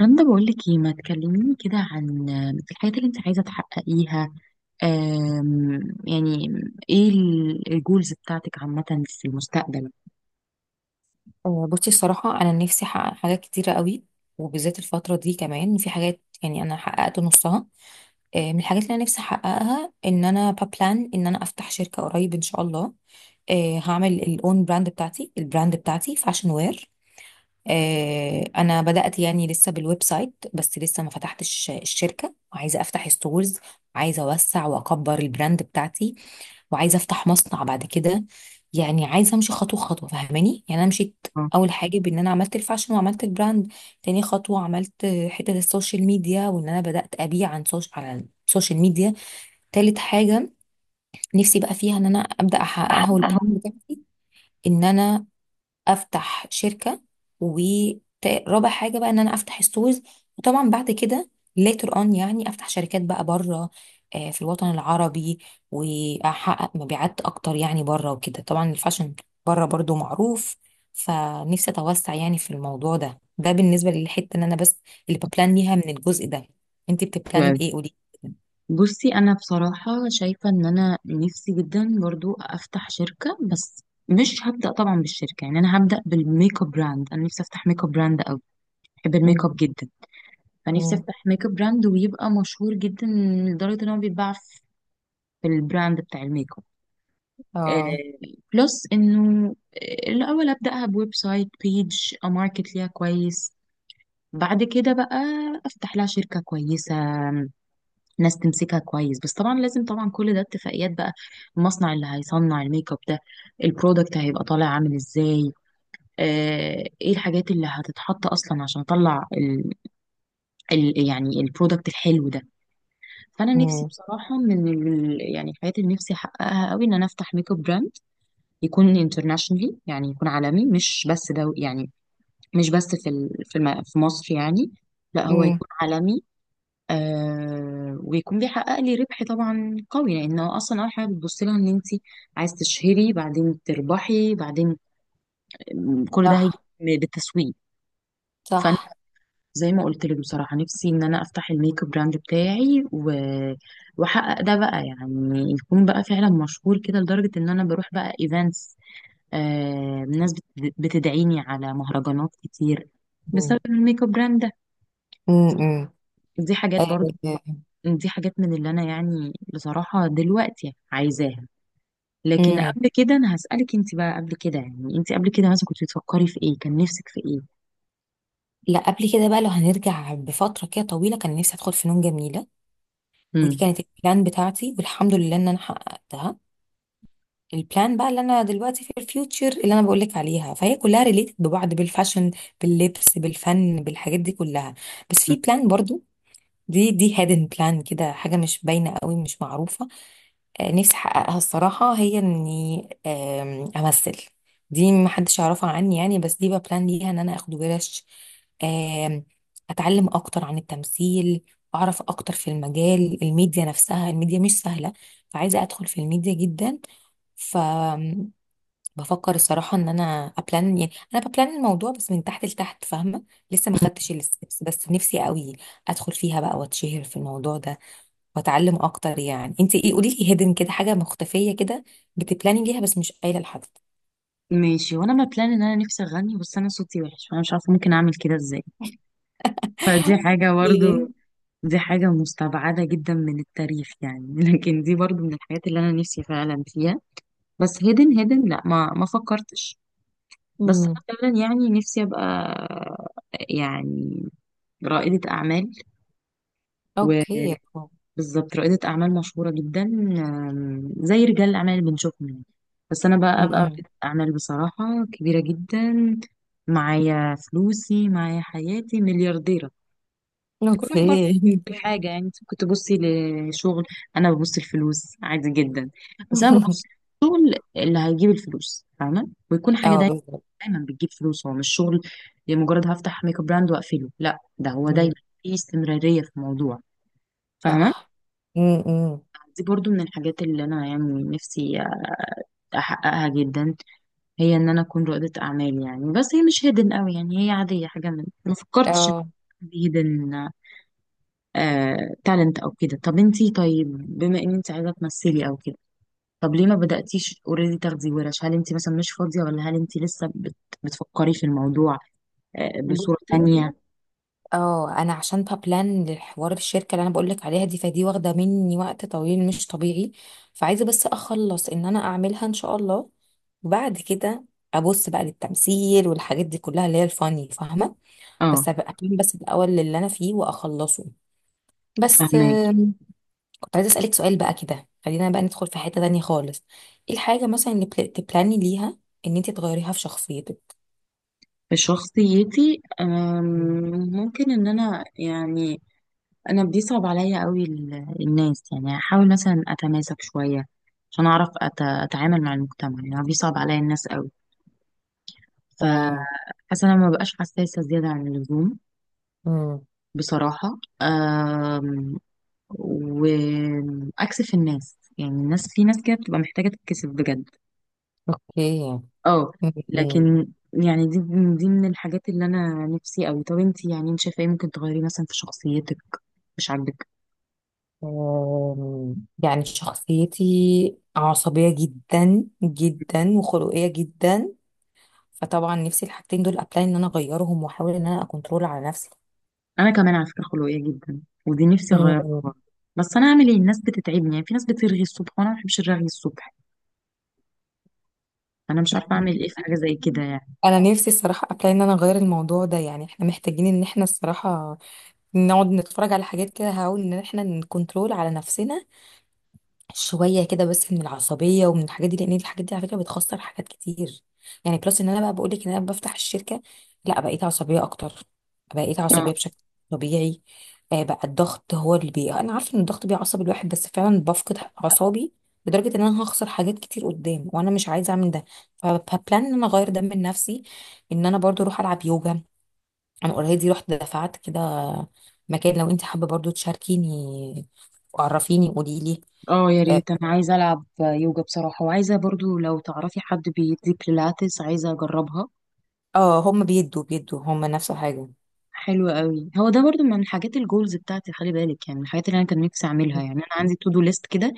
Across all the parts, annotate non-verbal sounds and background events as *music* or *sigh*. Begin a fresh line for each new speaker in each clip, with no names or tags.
رندا، بقول لك ايه؟ ما تكلميني كده عن الحاجات اللي انت عايزه تحققيها. أم، يعني ايه الجولز بتاعتك عامه في المستقبل؟
بصي الصراحة أنا نفسي أحقق حاجات كتيرة قوي وبالذات الفترة دي كمان في حاجات يعني أنا حققت نصها. من الحاجات اللي أنا نفسي أحققها إن أنا ببلان إن أنا أفتح شركة قريب إن شاء الله. هعمل الأون براند بتاعتي البراند بتاعتي فاشن وير. انا بدات يعني لسه بالويب سايت بس لسه ما فتحتش الشركه، عايزه افتح ستورز. عايزه اوسع واكبر البراند بتاعتي، وعايزه افتح مصنع بعد كده. يعني عايزه امشي خطوه خطوه، فاهماني؟ يعني انا مشيت
اه،
اول حاجه، بان انا عملت الفاشن وعملت البراند. تاني خطوه عملت حته السوشيال ميديا وان انا بدات ابيع عن على السوشيال ميديا. تالت حاجه نفسي بقى فيها ان انا ابدا احققها، والبلان بتاعتي ان انا افتح شركه. ورابع حاجه بقى ان انا افتح ستورز. وطبعا بعد كده later on يعني افتح شركات بقى بره، في الوطن العربي. واحقق مبيعات اكتر يعني بره وكده، طبعا الفاشن بره برضو معروف. فنفسي اتوسع يعني في الموضوع ده. بالنسبه للحته ان انا، بس اللي ببلان ليها من الجزء ده. انت بتبلاني ايه؟ قولي.
بصي انا بصراحه شايفه ان انا نفسي جدا برضو افتح شركه، بس مش هبدا طبعا بالشركه. يعني انا هبدا بالميك اب براند. انا نفسي افتح ميك اب براند قوي، بحب
مم.
الميك اب جدا. فنفسي
مم.
افتح ميك اب براند ويبقى مشهور جدا لدرجه ان هو بيتباع في البراند بتاع الميك اب.
اه.
بلس انه الاول ابداها بويب سايت بيج اماركت ليها كويس. بعد كده بقى افتح لها شركه كويسه، ناس تمسكها كويس. بس طبعا لازم، طبعا كل ده اتفاقيات بقى. المصنع اللي هيصنع الميك اب ده، البرودكت هيبقى طالع عامل ازاي؟ ايه الحاجات اللي هتتحط اصلا عشان اطلع ال يعني البرودكت الحلو ده؟ فانا نفسي
مم.
بصراحه من ال يعني الحاجات اللي نفسي احققها قوي ان انا افتح ميك اب براند، يكون internationally، يعني يكون عالمي، مش بس دو يعني، مش بس في ال- في الم- في مصر يعني. لا هو
مم.
يكون عالمي. ويكون بيحقق لي ربح طبعا قوي، لانه اصلا اول حاجه بتبص لها ان انت عايز تشهري، بعدين تربحي، بعدين كل ده هيجي
صح.
بالتسويق. فانا،
صح.
زي ما قلت لك بصراحه، نفسي ان انا افتح الميك اب براند بتاعي واحقق ده بقى، يعني يكون بقى فعلا مشهور كده لدرجه ان انا بروح بقى ايفنتس. الناس بتدعيني على مهرجانات كتير بسبب
مم.
الميك اب براند ده.
مم. مم.
دي حاجات برضو، دي حاجات من اللي انا يعني بصراحة دلوقتي عايزاها. لكن
أيوة.
قبل كده انا هسألك انت بقى، قبل كده يعني، انت قبل كده مثلا كنت بتفكري في ايه؟ كان نفسك في ايه؟
لا، قبل كده بقى لو هنرجع بفترة كده طويلة كان نفسي أدخل فنون جميلة. ودي
مم.
كانت البلان بتاعتي، والحمد لله إن أنا حققتها. البلان بقى اللي أنا دلوقتي في الفيوتشر اللي أنا بقولك عليها، فهي كلها ريليتد ببعض بالفاشن، باللبس، بالفن، بالحاجات دي كلها. بس
مم.
في بلان برضو، دي هيدن بلان كده، حاجة مش باينة قوي، مش معروفة. نفسي احققها الصراحة، هي اني امثل. دي محدش يعرفها عني يعني، بس دي بقى بلان ليها ان انا اخد ورش. آم، اتعلم اكتر عن التمثيل، اعرف اكتر في المجال، الميديا نفسها الميديا مش سهلة. فعايزة ادخل في الميديا جدا. بفكر الصراحة ان انا ابلان، يعني انا ببلان الموضوع بس من تحت لتحت، فاهمة؟ لسه ما خدتش الستبس بس نفسي قوي ادخل فيها بقى واتشهر في الموضوع ده واتعلم اكتر. يعني انت ايه؟ قولي لي، هيدن كده حاجة مختفية كده بتبلاني ليها بس مش قايلة لحد.
ماشي. وانا ما بلان ان انا نفسي اغني، بس انا صوتي وحش فانا مش عارفة ممكن اعمل كده ازاي. فدي حاجة
ايه؟
برضو، دي حاجة مستبعدة جدا من التاريخ يعني *laughs* لكن دي برضو من الحاجات اللي انا نفسي فعلا فيها. بس هيدن لا، ما فكرتش. بس
امم.
انا فعلا يعني نفسي ابقى يعني رائدة اعمال،
اوكي.
وبالظبط رائدة اعمال مشهورة جدا، زي رجال الاعمال اللي بنشوفهم يعني. بس انا بقى ابقى
امم.
رائدة اعمال بصراحة كبيرة جدا، معايا فلوسي معايا حياتي، مليارديرة. كل واحد برضه
اوكي.
حاجة. يعني انت كنت تبصي لشغل، انا ببص الفلوس عادي جدا. بس انا ببص
*laughs*
الشغل اللي هيجيب الفلوس، فاهمة؟ ويكون حاجة
اه بالظبط.
دايما بتجيب فلوس، هو مش شغل لمجرد هفتح ميك اب براند واقفله. لا، ده هو دايما
مم.
في استمرارية في الموضوع، فاهمة؟
صح. امم.
دي برضو من الحاجات اللي انا يعني نفسي احققها جدا، هي ان انا اكون رائدة اعمال يعني. بس هي مش هيدن قوي، يعني هي عادية، حاجة من، ما فكرتش ان
اه.
هيدن تالنت او كده. طب انتي طيب، بما ان انت عايزة تمثلي او كده، طب ليه ما بدأتيش اوريدي تاخدي ورش؟ هل انت مثلا مش فاضية، ولا هل انت لسه بتفكري في الموضوع بصورة
بصي،
تانية؟
اه انا عشان ببلان للحوار الشركه اللي انا بقولك عليها دي، فدي واخده مني وقت طويل مش طبيعي. فعايزه بس اخلص ان انا اعملها ان شاء الله، وبعد كده ابص بقى للتمثيل والحاجات دي كلها اللي هي الفاني، فاهمه؟
اه،
بس هبقى أبلان بس الاول اللي انا فيه واخلصه. بس
فاهمة.
كنت عايزه اسالك سؤال بقى كده، خلينا بقى ندخل في حته تانية خالص. ايه الحاجه مثلا اللي تبلاني ليها ان انت تغيريها في شخصيتك؟
في شخصيتي،
مم.
ممكن ان انا يعني، انا بيصعب عليا قوي الناس. يعني احاول مثلا اتماسك شويه عشان اعرف اتعامل مع المجتمع، يعني بيصعب عليا الناس قوي.
اه.
فحاسه انا ما بقاش حساسه زياده عن اللزوم
امم.
بصراحه، واكسف الناس. يعني الناس، في ناس كده بتبقى محتاجه تتكسف بجد.
اوكي.
اه
مم.
لكن، يعني دي من الحاجات اللي انا نفسي قوي. طب انت يعني، انت شايفه ايه ممكن تغيري مثلا في شخصيتك مش عاجبك؟
يعني شخصيتي عصبية جدا جدا وخلقية جدا. فطبعا نفسي الحاجتين دول ابلاي ان انا اغيرهم واحاول ان انا اكنترول على نفسي.
انا كمان على فكره خلقيه جدا، ودي نفسي اغيرها
أم،
برضه. بس انا اعمل ايه؟ الناس بتتعبني يعني. في ناس بترغي الصبح وانا ما بحبش الرغي الصبح، انا مش عارفه اعمل ايه في حاجه زي كده يعني.
انا نفسي الصراحة ابلاي ان انا اغير الموضوع ده، يعني احنا محتاجين ان احنا الصراحة نقعد نتفرج على حاجات كده، هقول ان احنا نكنترول على نفسنا شويه كده بس، من العصبيه ومن الحاجات دي، لان الحاجات دي على فكره بتخسر حاجات كتير. يعني بلس ان انا بقى بقول لك ان انا بفتح الشركه، لا بقيت عصبيه اكتر، بقيت
اه،
عصبيه بشكل طبيعي. بقى الضغط هو اللي انا عارفه ان الضغط بيعصب الواحد، بس فعلا بفقد اعصابي. لدرجه ان انا هخسر حاجات كتير قدام، وانا مش عايزه اعمل ده. فبلان ان انا اغير ده من نفسي، ان انا برضو اروح العب يوجا. انا اوريدي رحت دفعت كده مكان، لو انت حابه برضو تشاركيني وعرفيني قولي لي.
اه، يا ريت. انا عايزه العب يوجا بصراحه، وعايزه برضو لو تعرفي حد بيدي بيلاتس عايزه اجربها.
اه، هم بيدوا هم نفس الحاجة.
حلو قوي. هو ده برضو من حاجات الجولز بتاعتي، خلي بالك. يعني من الحاجات اللي انا كان نفسي اعملها، يعني انا عندي تو دو ليست كده.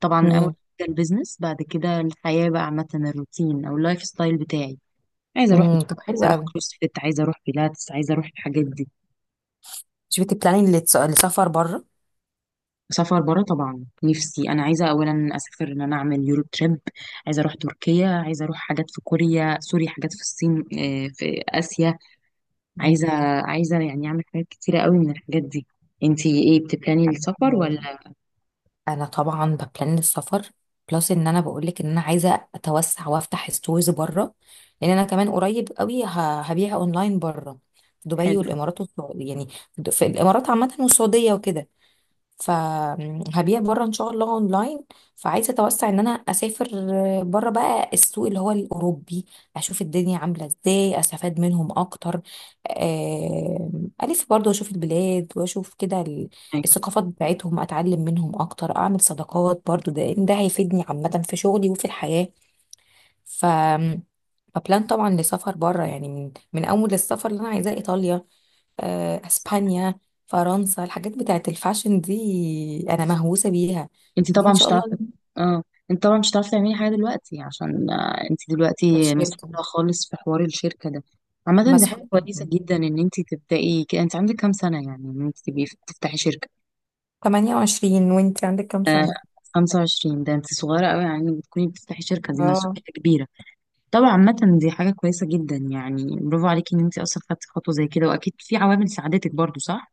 طبعا اول
مم.
حاجه البيزنس، بعد كده الحياه بقى عامه، الروتين او اللايف ستايل بتاعي. عايزه اروح
امم.
بت-
طب حلو
عايزه اروح
قوي.
كروس فيت، عايزه اروح بيلاتس، عايزه اروح الحاجات دي.
مش بتبلاني للسفر بره؟
سفر بره طبعا نفسي. انا عايزه اولا اسافر، ان انا اعمل يورو تريب. عايزه اروح تركيا، عايزه اروح حاجات في كوريا، سوري، حاجات في الصين، في اسيا.
مم.
عايزه عايزه يعني اعمل حاجات كتيره قوي من الحاجات دي. انتي ايه بتبلاني السفر؟
انا طبعا ببلان السفر. بلس ان انا بقولك ان انا عايزه اتوسع وافتح ستورز بره، لان انا كمان قريب قوي هبيع اونلاين بره، دبي
حلو أوي.
والامارات والسعوديه يعني. في الامارات عامه والسعوديه وكده، فهبيع بره ان شاء الله اونلاين. فعايزه اتوسع، ان انا اسافر بره بقى السوق اللي هو الاوروبي، اشوف الدنيا عامله ازاي، استفاد منهم اكتر. الف برضه اشوف البلاد، واشوف كده
ايوه،
الثقافات بتاعتهم، اتعلم منهم اكتر، اعمل صداقات برضه، ده هيفيدني عامه في شغلي وفي الحياه. ف فبلان طبعا لسفر بره، يعني من اول السفر اللي انا عايزاه ايطاليا،
صح.
اسبانيا، فرنسا، الحاجات بتاعت الفاشن دي انا مهووسه بيها.
انت
دي
طبعا
ان
مش
شاء
هتعرفي.
الله.
اه. انت طبعا مش هتعرفي تعملي حاجه دلوقتي عشان انت دلوقتي
الشركه
مسؤوله خالص في حوار الشركه ده. عامه دي حاجه
مسحوق
كويسه
جدا.
جدا ان انت تبداي كده. انت عندك كام سنه يعني ان انت تبقي تفتحي شركه؟
28، وانت عندك كام سنه؟
25، ده انت صغيره قوي يعني، بتكوني بتفتحي شركه، دي
اه
مسؤوليه كبيره. طبعا عامه دي حاجه كويسه جدا يعني، برافو عليكي ان انت اصلا خدتي خطوه زي كده. واكيد في عوامل ساعدتك برضو، صح؟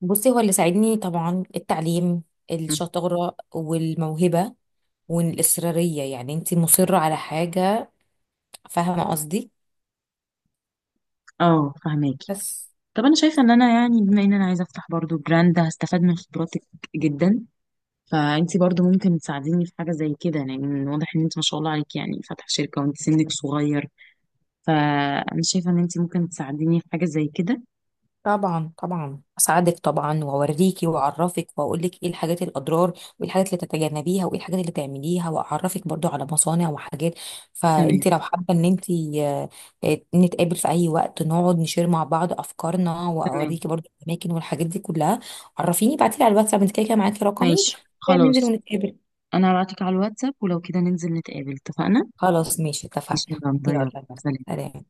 بصي، هو اللي ساعدني طبعا التعليم،
مم.
الشطاره والموهبه والاصراريه، يعني انت مصره على حاجه، فاهمه قصدي؟
اه، فهماكي.
بس.
طب انا شايفه ان انا يعني، بما ان انا عايزه افتح برضو براند، هستفاد من خبراتك جدا. فانتي برضو ممكن تساعديني في حاجه زي كده، لان واضح ان انت ما شاء الله عليك يعني فاتحه شركه وانت سنك صغير. فانا شايفه ان انت ممكن تساعديني في حاجه زي كده.
طبعا طبعا اساعدك طبعا، واوريكي واعرفك واقول لك ايه الحاجات الاضرار، وايه الحاجات اللي تتجنبيها، وايه الحاجات اللي تعمليها، واعرفك برضو على مصانع وحاجات.
تمام.
فانت لو حابه ان انت، آه، نتقابل في اي وقت، نقعد نشير مع بعض افكارنا،
تمام.
واوريكي برضو الاماكن والحاجات دي كلها. عرفيني، بعتيلي على الواتساب، انت كده كده معاكي رقمي.
ماشي
ننزل
خلاص.
ونتقابل.
انا هبعتلك على الواتساب، ولو كده ننزل نتقابل، اتفقنا؟
خلاص، ماشي،
ماشي يا
اتفقنا.
رندا، يلا
يلا
سلام.
سلام.